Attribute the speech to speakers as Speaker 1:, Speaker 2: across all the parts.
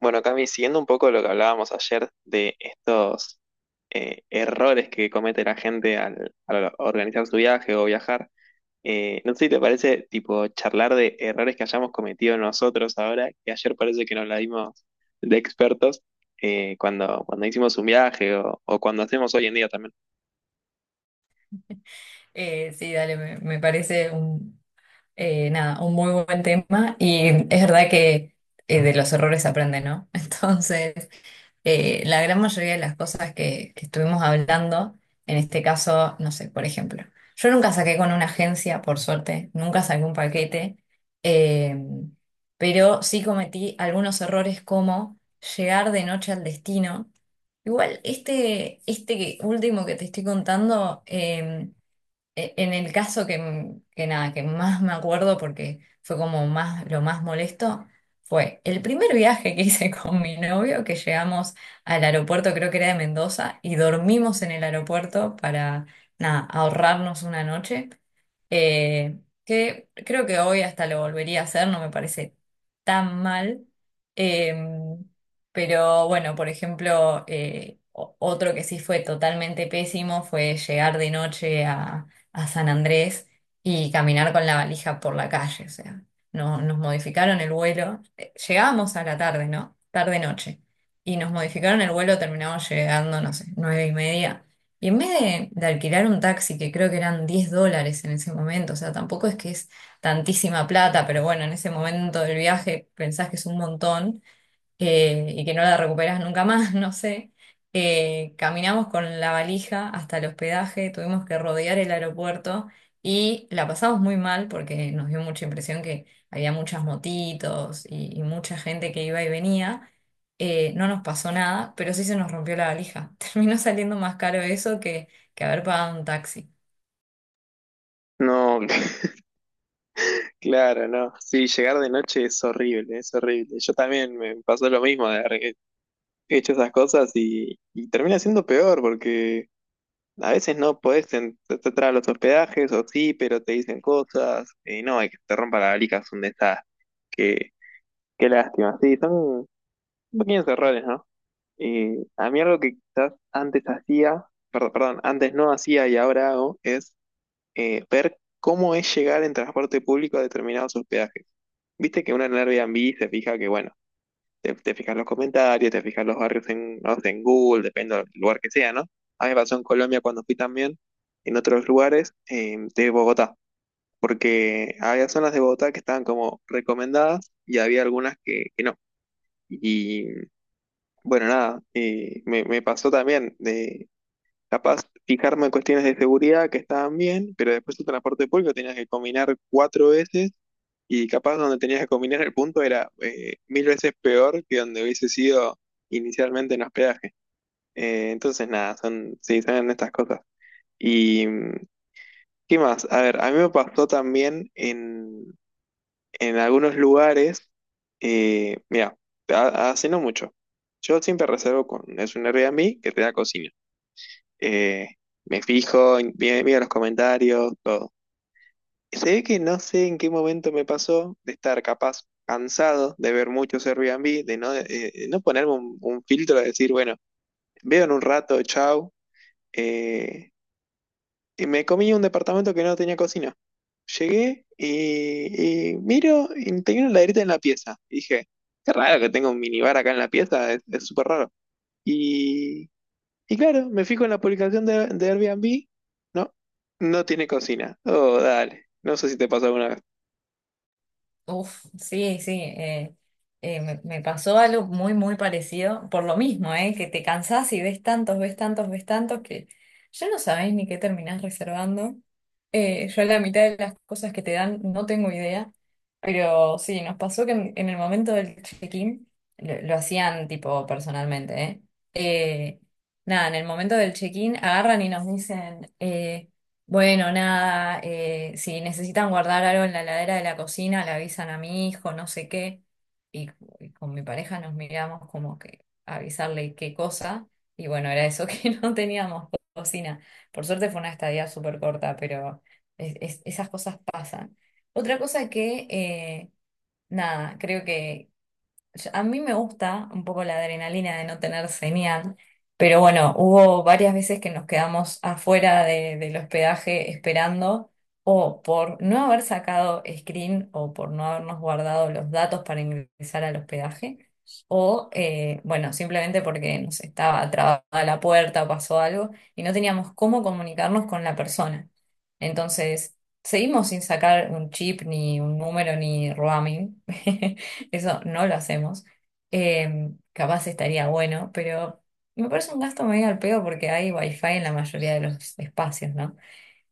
Speaker 1: Bueno, Cami, siguiendo un poco lo que hablábamos ayer de estos errores que comete la gente al organizar su viaje o viajar, no sé si te parece tipo charlar de errores que hayamos cometido nosotros ahora, que ayer parece que nos la dimos de expertos cuando hicimos un viaje o cuando hacemos hoy en día también.
Speaker 2: Sí, dale, me parece un, nada, un muy buen tema, y es verdad que de los errores se aprende, ¿no? Entonces, la gran mayoría de las cosas que estuvimos hablando, en este caso, no sé, por ejemplo, yo nunca saqué con una agencia, por suerte, nunca saqué un paquete, eh, pero sí cometí algunos errores como llegar de noche al destino. Igual, este último que te estoy contando. En el caso que, nada, que más me acuerdo porque fue como más, lo más molesto, fue el primer viaje que hice con mi novio, que llegamos al aeropuerto, creo que era de Mendoza, y dormimos en el aeropuerto para, nada, ahorrarnos una noche, eh, que creo que hoy hasta lo volvería a hacer, no me parece tan mal. em, pero bueno, por ejemplo, otro que sí fue totalmente pésimo fue llegar de noche a San Andrés y caminar con la valija por la calle. O sea, no, nos modificaron el vuelo. Llegábamos a la tarde, ¿no? Tarde-noche. Y nos modificaron el vuelo, terminamos llegando, no sé, nueve y media. Y en vez de alquilar un taxi, que creo que eran 10 dólares en ese momento, o sea, tampoco es que es tantísima plata, pero bueno, en ese momento del viaje pensás que es un montón, y que no la recuperás nunca más, no sé. Caminamos con la valija hasta el hospedaje, tuvimos que rodear el aeropuerto y la pasamos muy mal porque nos dio mucha impresión que había muchas motitos y mucha gente que iba y venía. No nos pasó nada, pero sí se nos rompió la valija. Terminó saliendo más caro eso que haber pagado un taxi.
Speaker 1: No, claro, no. Sí, llegar de noche es horrible, es horrible. Yo también me pasó lo mismo de haber hecho esas cosas y termina siendo peor porque. A veces no podés entrar a los hospedajes, o sí, pero te dicen cosas, y no, hay que te rompa la valija, es un desastre. Qué, qué lástima. Sí, son pequeños errores, ¿no? Y a mí algo que quizás antes hacía, perdón, perdón, antes no hacía y ahora hago, es ver cómo es llegar en transporte público a determinados hospedajes. Viste que uno en Airbnb se fija que, bueno, te fijas los comentarios, te fijas los barrios en, no sé, en Google, depende del lugar que sea, ¿no? A mí me pasó en Colombia cuando fui también, en otros lugares de Bogotá, porque había zonas de Bogotá que estaban como recomendadas y había algunas que no. Y bueno, nada, me pasó también de capaz fijarme en cuestiones de seguridad que estaban bien, pero después el transporte público tenías que combinar cuatro veces y capaz donde tenías que combinar el punto era mil veces peor que donde hubiese sido inicialmente en hospedaje. Entonces, nada, son, sí, son estas cosas. ¿Y qué más? A ver, a mí me pasó también en algunos lugares, mira, hace no mucho. Yo siempre reservo con, es un Airbnb que te da cocina. Eh, Me fijo, miro los comentarios, todo. Se ve que no sé en qué momento me pasó de estar capaz cansado de ver muchos Airbnb, de no, no ponerme un filtro de decir, bueno, veo en un rato, chau. eh, y me comí un departamento que no tenía cocina. Llegué y miro y tenía una laderita en la pieza. Y dije, qué raro que tenga un minibar acá en la pieza, es súper raro. Y, y claro, me fijo en la publicación de Airbnb, no, no tiene cocina. Oh, dale, no sé si te pasó alguna vez.
Speaker 2: Uf, sí, sí, me pasó algo muy, muy parecido, por lo mismo, que te cansás y ves tantos, ves tantos, ves tantos, que ya no sabés ni qué terminás reservando. Yo la mitad de las cosas que te dan no tengo idea, pero sí, nos pasó que en el momento del check-in, lo hacían tipo personalmente, ¿eh? Eh, nada, En el momento del check-in agarran y nos dicen. Bueno, nada, si necesitan guardar algo en la heladera de la cocina, le avisan a mi hijo, no sé qué, y, y con mi pareja nos miramos como que avisarle qué cosa, y bueno, era eso que no teníamos cocina. Por suerte fue una estadía súper corta, pero esas cosas pasan. Otra cosa que, nada, creo que a mí me gusta un poco la adrenalina de no tener señal, pero bueno, hubo varias veces que nos quedamos afuera del hospedaje esperando o por no haber sacado screen o por no habernos guardado los datos para ingresar al hospedaje o bueno, simplemente porque nos estaba trabada la puerta, pasó algo y no teníamos cómo comunicarnos con la persona. Entonces, seguimos sin sacar un chip ni un número ni roaming. Eso no lo hacemos. Capaz estaría bueno, pero me parece un gasto medio al pedo porque hay wifi en la mayoría de los espacios, ¿no?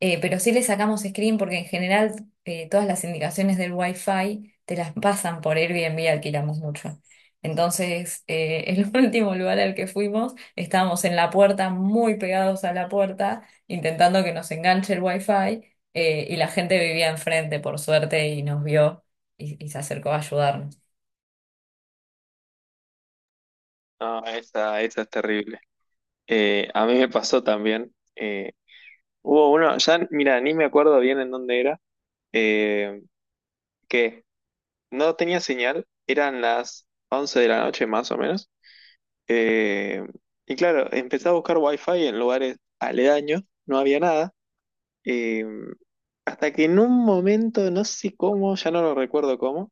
Speaker 2: Pero sí le sacamos screen porque en general, todas las indicaciones del wifi te las pasan por Airbnb, alquilamos mucho. Entonces, el último lugar al que fuimos, estábamos en la puerta, muy pegados a la puerta, intentando que nos enganche el wifi, y la gente vivía enfrente, por suerte, y nos vio y se acercó a ayudarnos.
Speaker 1: No, esa es terrible. A mí me pasó también. Hubo uno, ya, mira, ni me acuerdo bien en dónde era, eh, que no tenía señal, eran las 11 de la noche más o menos. eh, y claro, empecé a buscar wifi en lugares aledaños, no había nada. eh, Hasta que en un momento, no sé cómo, ya no lo recuerdo cómo,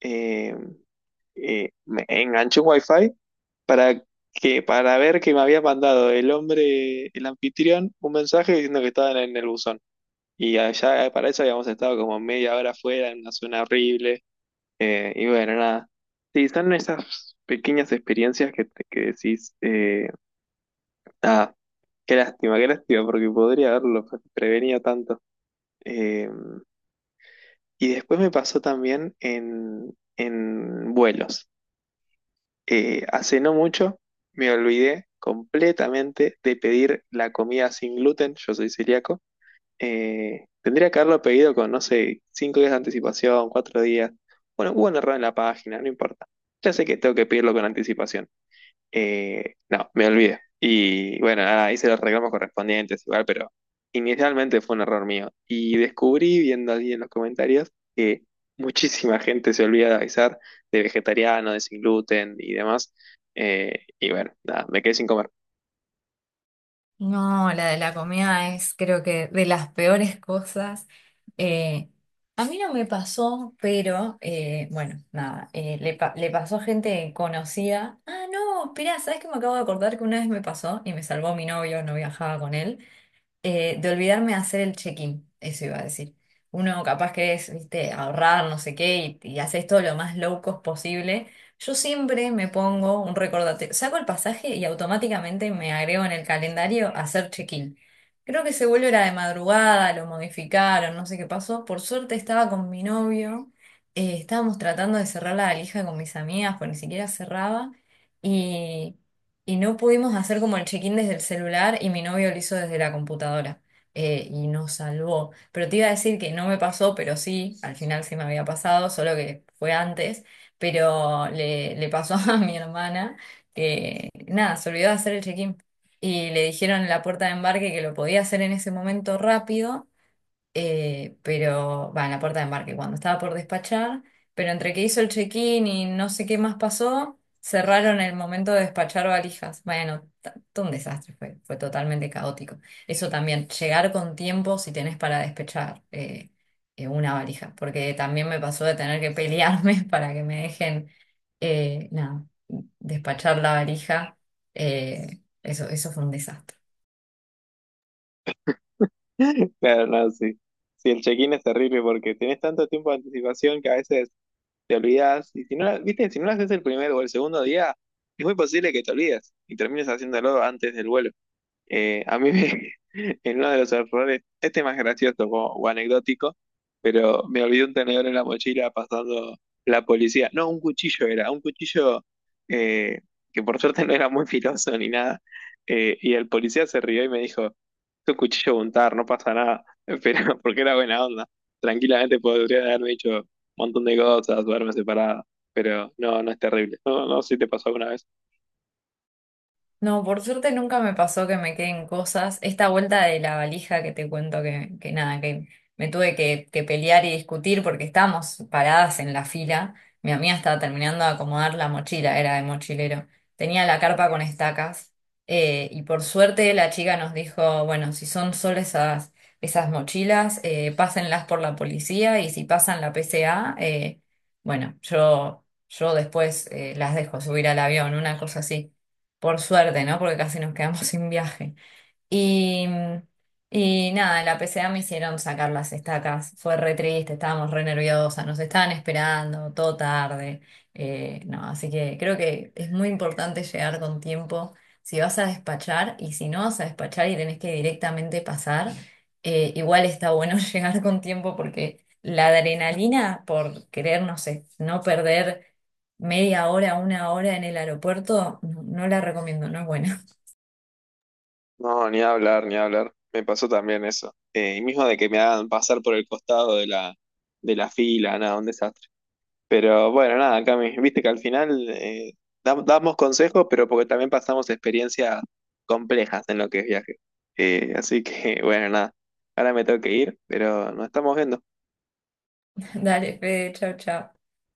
Speaker 1: eh, me enganché un wifi para para ver que me había mandado el hombre, el anfitrión, un mensaje diciendo que estaban en el buzón. Y allá para eso habíamos estado como media hora afuera, en una zona horrible. Y bueno, nada. Sí, son esas pequeñas experiencias que, que decís, ah, qué lástima, porque podría haberlo prevenido tanto. Eh, y después me pasó también en vuelos. Hace no mucho me olvidé completamente de pedir la comida sin gluten, yo soy celíaco. Tendría que haberlo pedido con, no sé, 5 días de anticipación, 4 días. Bueno, hubo un error en la página, no importa. Ya sé que tengo que pedirlo con anticipación. No, me olvidé. Y bueno, nada, hice los reclamos correspondientes igual, pero inicialmente fue un error mío. Y descubrí, viendo allí en los comentarios, que muchísima gente se olvida de avisar de vegetariano, de sin gluten y demás. Y bueno, nada, me quedé sin comer.
Speaker 2: No, la de la comida es creo que de las peores cosas. Eh, a mí no me pasó, pero bueno, nada, le pasó a gente conocida. Ah, no, esperá, ¿sabes qué? Me acabo de acordar que una vez me pasó y me salvó mi novio, no viajaba con él. De olvidarme de hacer el check-in, eso iba a decir. Uno capaz que es, viste, ahorrar, no sé qué, y haces todo lo más low cost posible. Yo siempre me pongo un recordatorio, saco el pasaje y automáticamente me agrego en el calendario hacer check-in. Creo que ese vuelo era de madrugada, lo modificaron, no sé qué pasó. Por suerte estaba con mi novio, estábamos tratando de cerrar la valija con mis amigas, pues ni siquiera cerraba. Y y no pudimos hacer como el check-in desde el celular y mi novio lo hizo desde la computadora, y nos salvó. Pero te iba a decir que no me pasó, pero sí, al final sí me había pasado, solo que fue antes, pero le pasó a mi hermana que nada, se olvidó de hacer el check-in y le dijeron en la puerta de embarque que lo podía hacer en ese momento rápido, pero va en la puerta de embarque cuando estaba por despachar, pero entre que hizo el check-in y no sé qué más pasó, cerraron el momento de despachar valijas. Bueno, todo un desastre, fue, fue totalmente caótico. Eso también, llegar con tiempo si tenés para despechar una valija, porque también me pasó de tener que pelearme para que me dejen, nada, despachar la valija. Eso, eso fue un desastre.
Speaker 1: Claro, no, sí. Sí, el check-in es terrible porque tenés tanto tiempo de anticipación que a veces te olvidas. Y si no, viste, si no lo haces el primer o el segundo día, es muy posible que te olvides y termines haciéndolo antes del vuelo. Eh, a mí me, en uno de los errores, este es más gracioso o anecdótico, pero me olvidé un tenedor en la mochila pasando la policía. No, un cuchillo era, un cuchillo eh, que por suerte no era muy filoso ni nada. Y el policía se rió y me dijo, es un cuchillo untar, no pasa nada, pero porque era buena onda. Tranquilamente podría haberme dicho un montón de cosas, duerme separado, pero no, no es terrible. No, no sé si te pasó alguna vez.
Speaker 2: No, por suerte nunca me pasó que me queden cosas. Esta vuelta de la valija que te cuento que nada, que me tuve que pelear y discutir porque estábamos paradas en la fila. Mi amiga estaba terminando de acomodar la mochila, era de mochilero. Tenía la carpa con estacas, y por suerte la chica nos dijo, bueno, si son solo esas, esas mochilas, pásenlas por la policía y si pasan la PCA, bueno, yo después las dejo subir al avión, una cosa así. Por suerte, ¿no? Porque casi nos quedamos sin viaje. Y, y nada, en la PCA me hicieron sacar las estacas. Fue re triste, estábamos re nerviosas, nos estaban esperando todo tarde. No, así que creo que es muy importante llegar con tiempo si vas a despachar, y si no vas a despachar y tenés que directamente pasar, igual está bueno llegar con tiempo porque la adrenalina por querer, no sé, no perder media hora, una hora en el aeropuerto, no, no la recomiendo, no es buena.
Speaker 1: No, ni hablar, ni hablar. Me pasó también eso. Y mismo de que me hagan pasar por el costado de la, fila, nada, un desastre. Pero bueno, nada, Cami, viste que al final damos consejos, pero porque también pasamos experiencias complejas en lo que es viaje. Así que bueno, nada, ahora me tengo que ir, pero nos estamos viendo.
Speaker 2: Dale, Fede, chau, chau.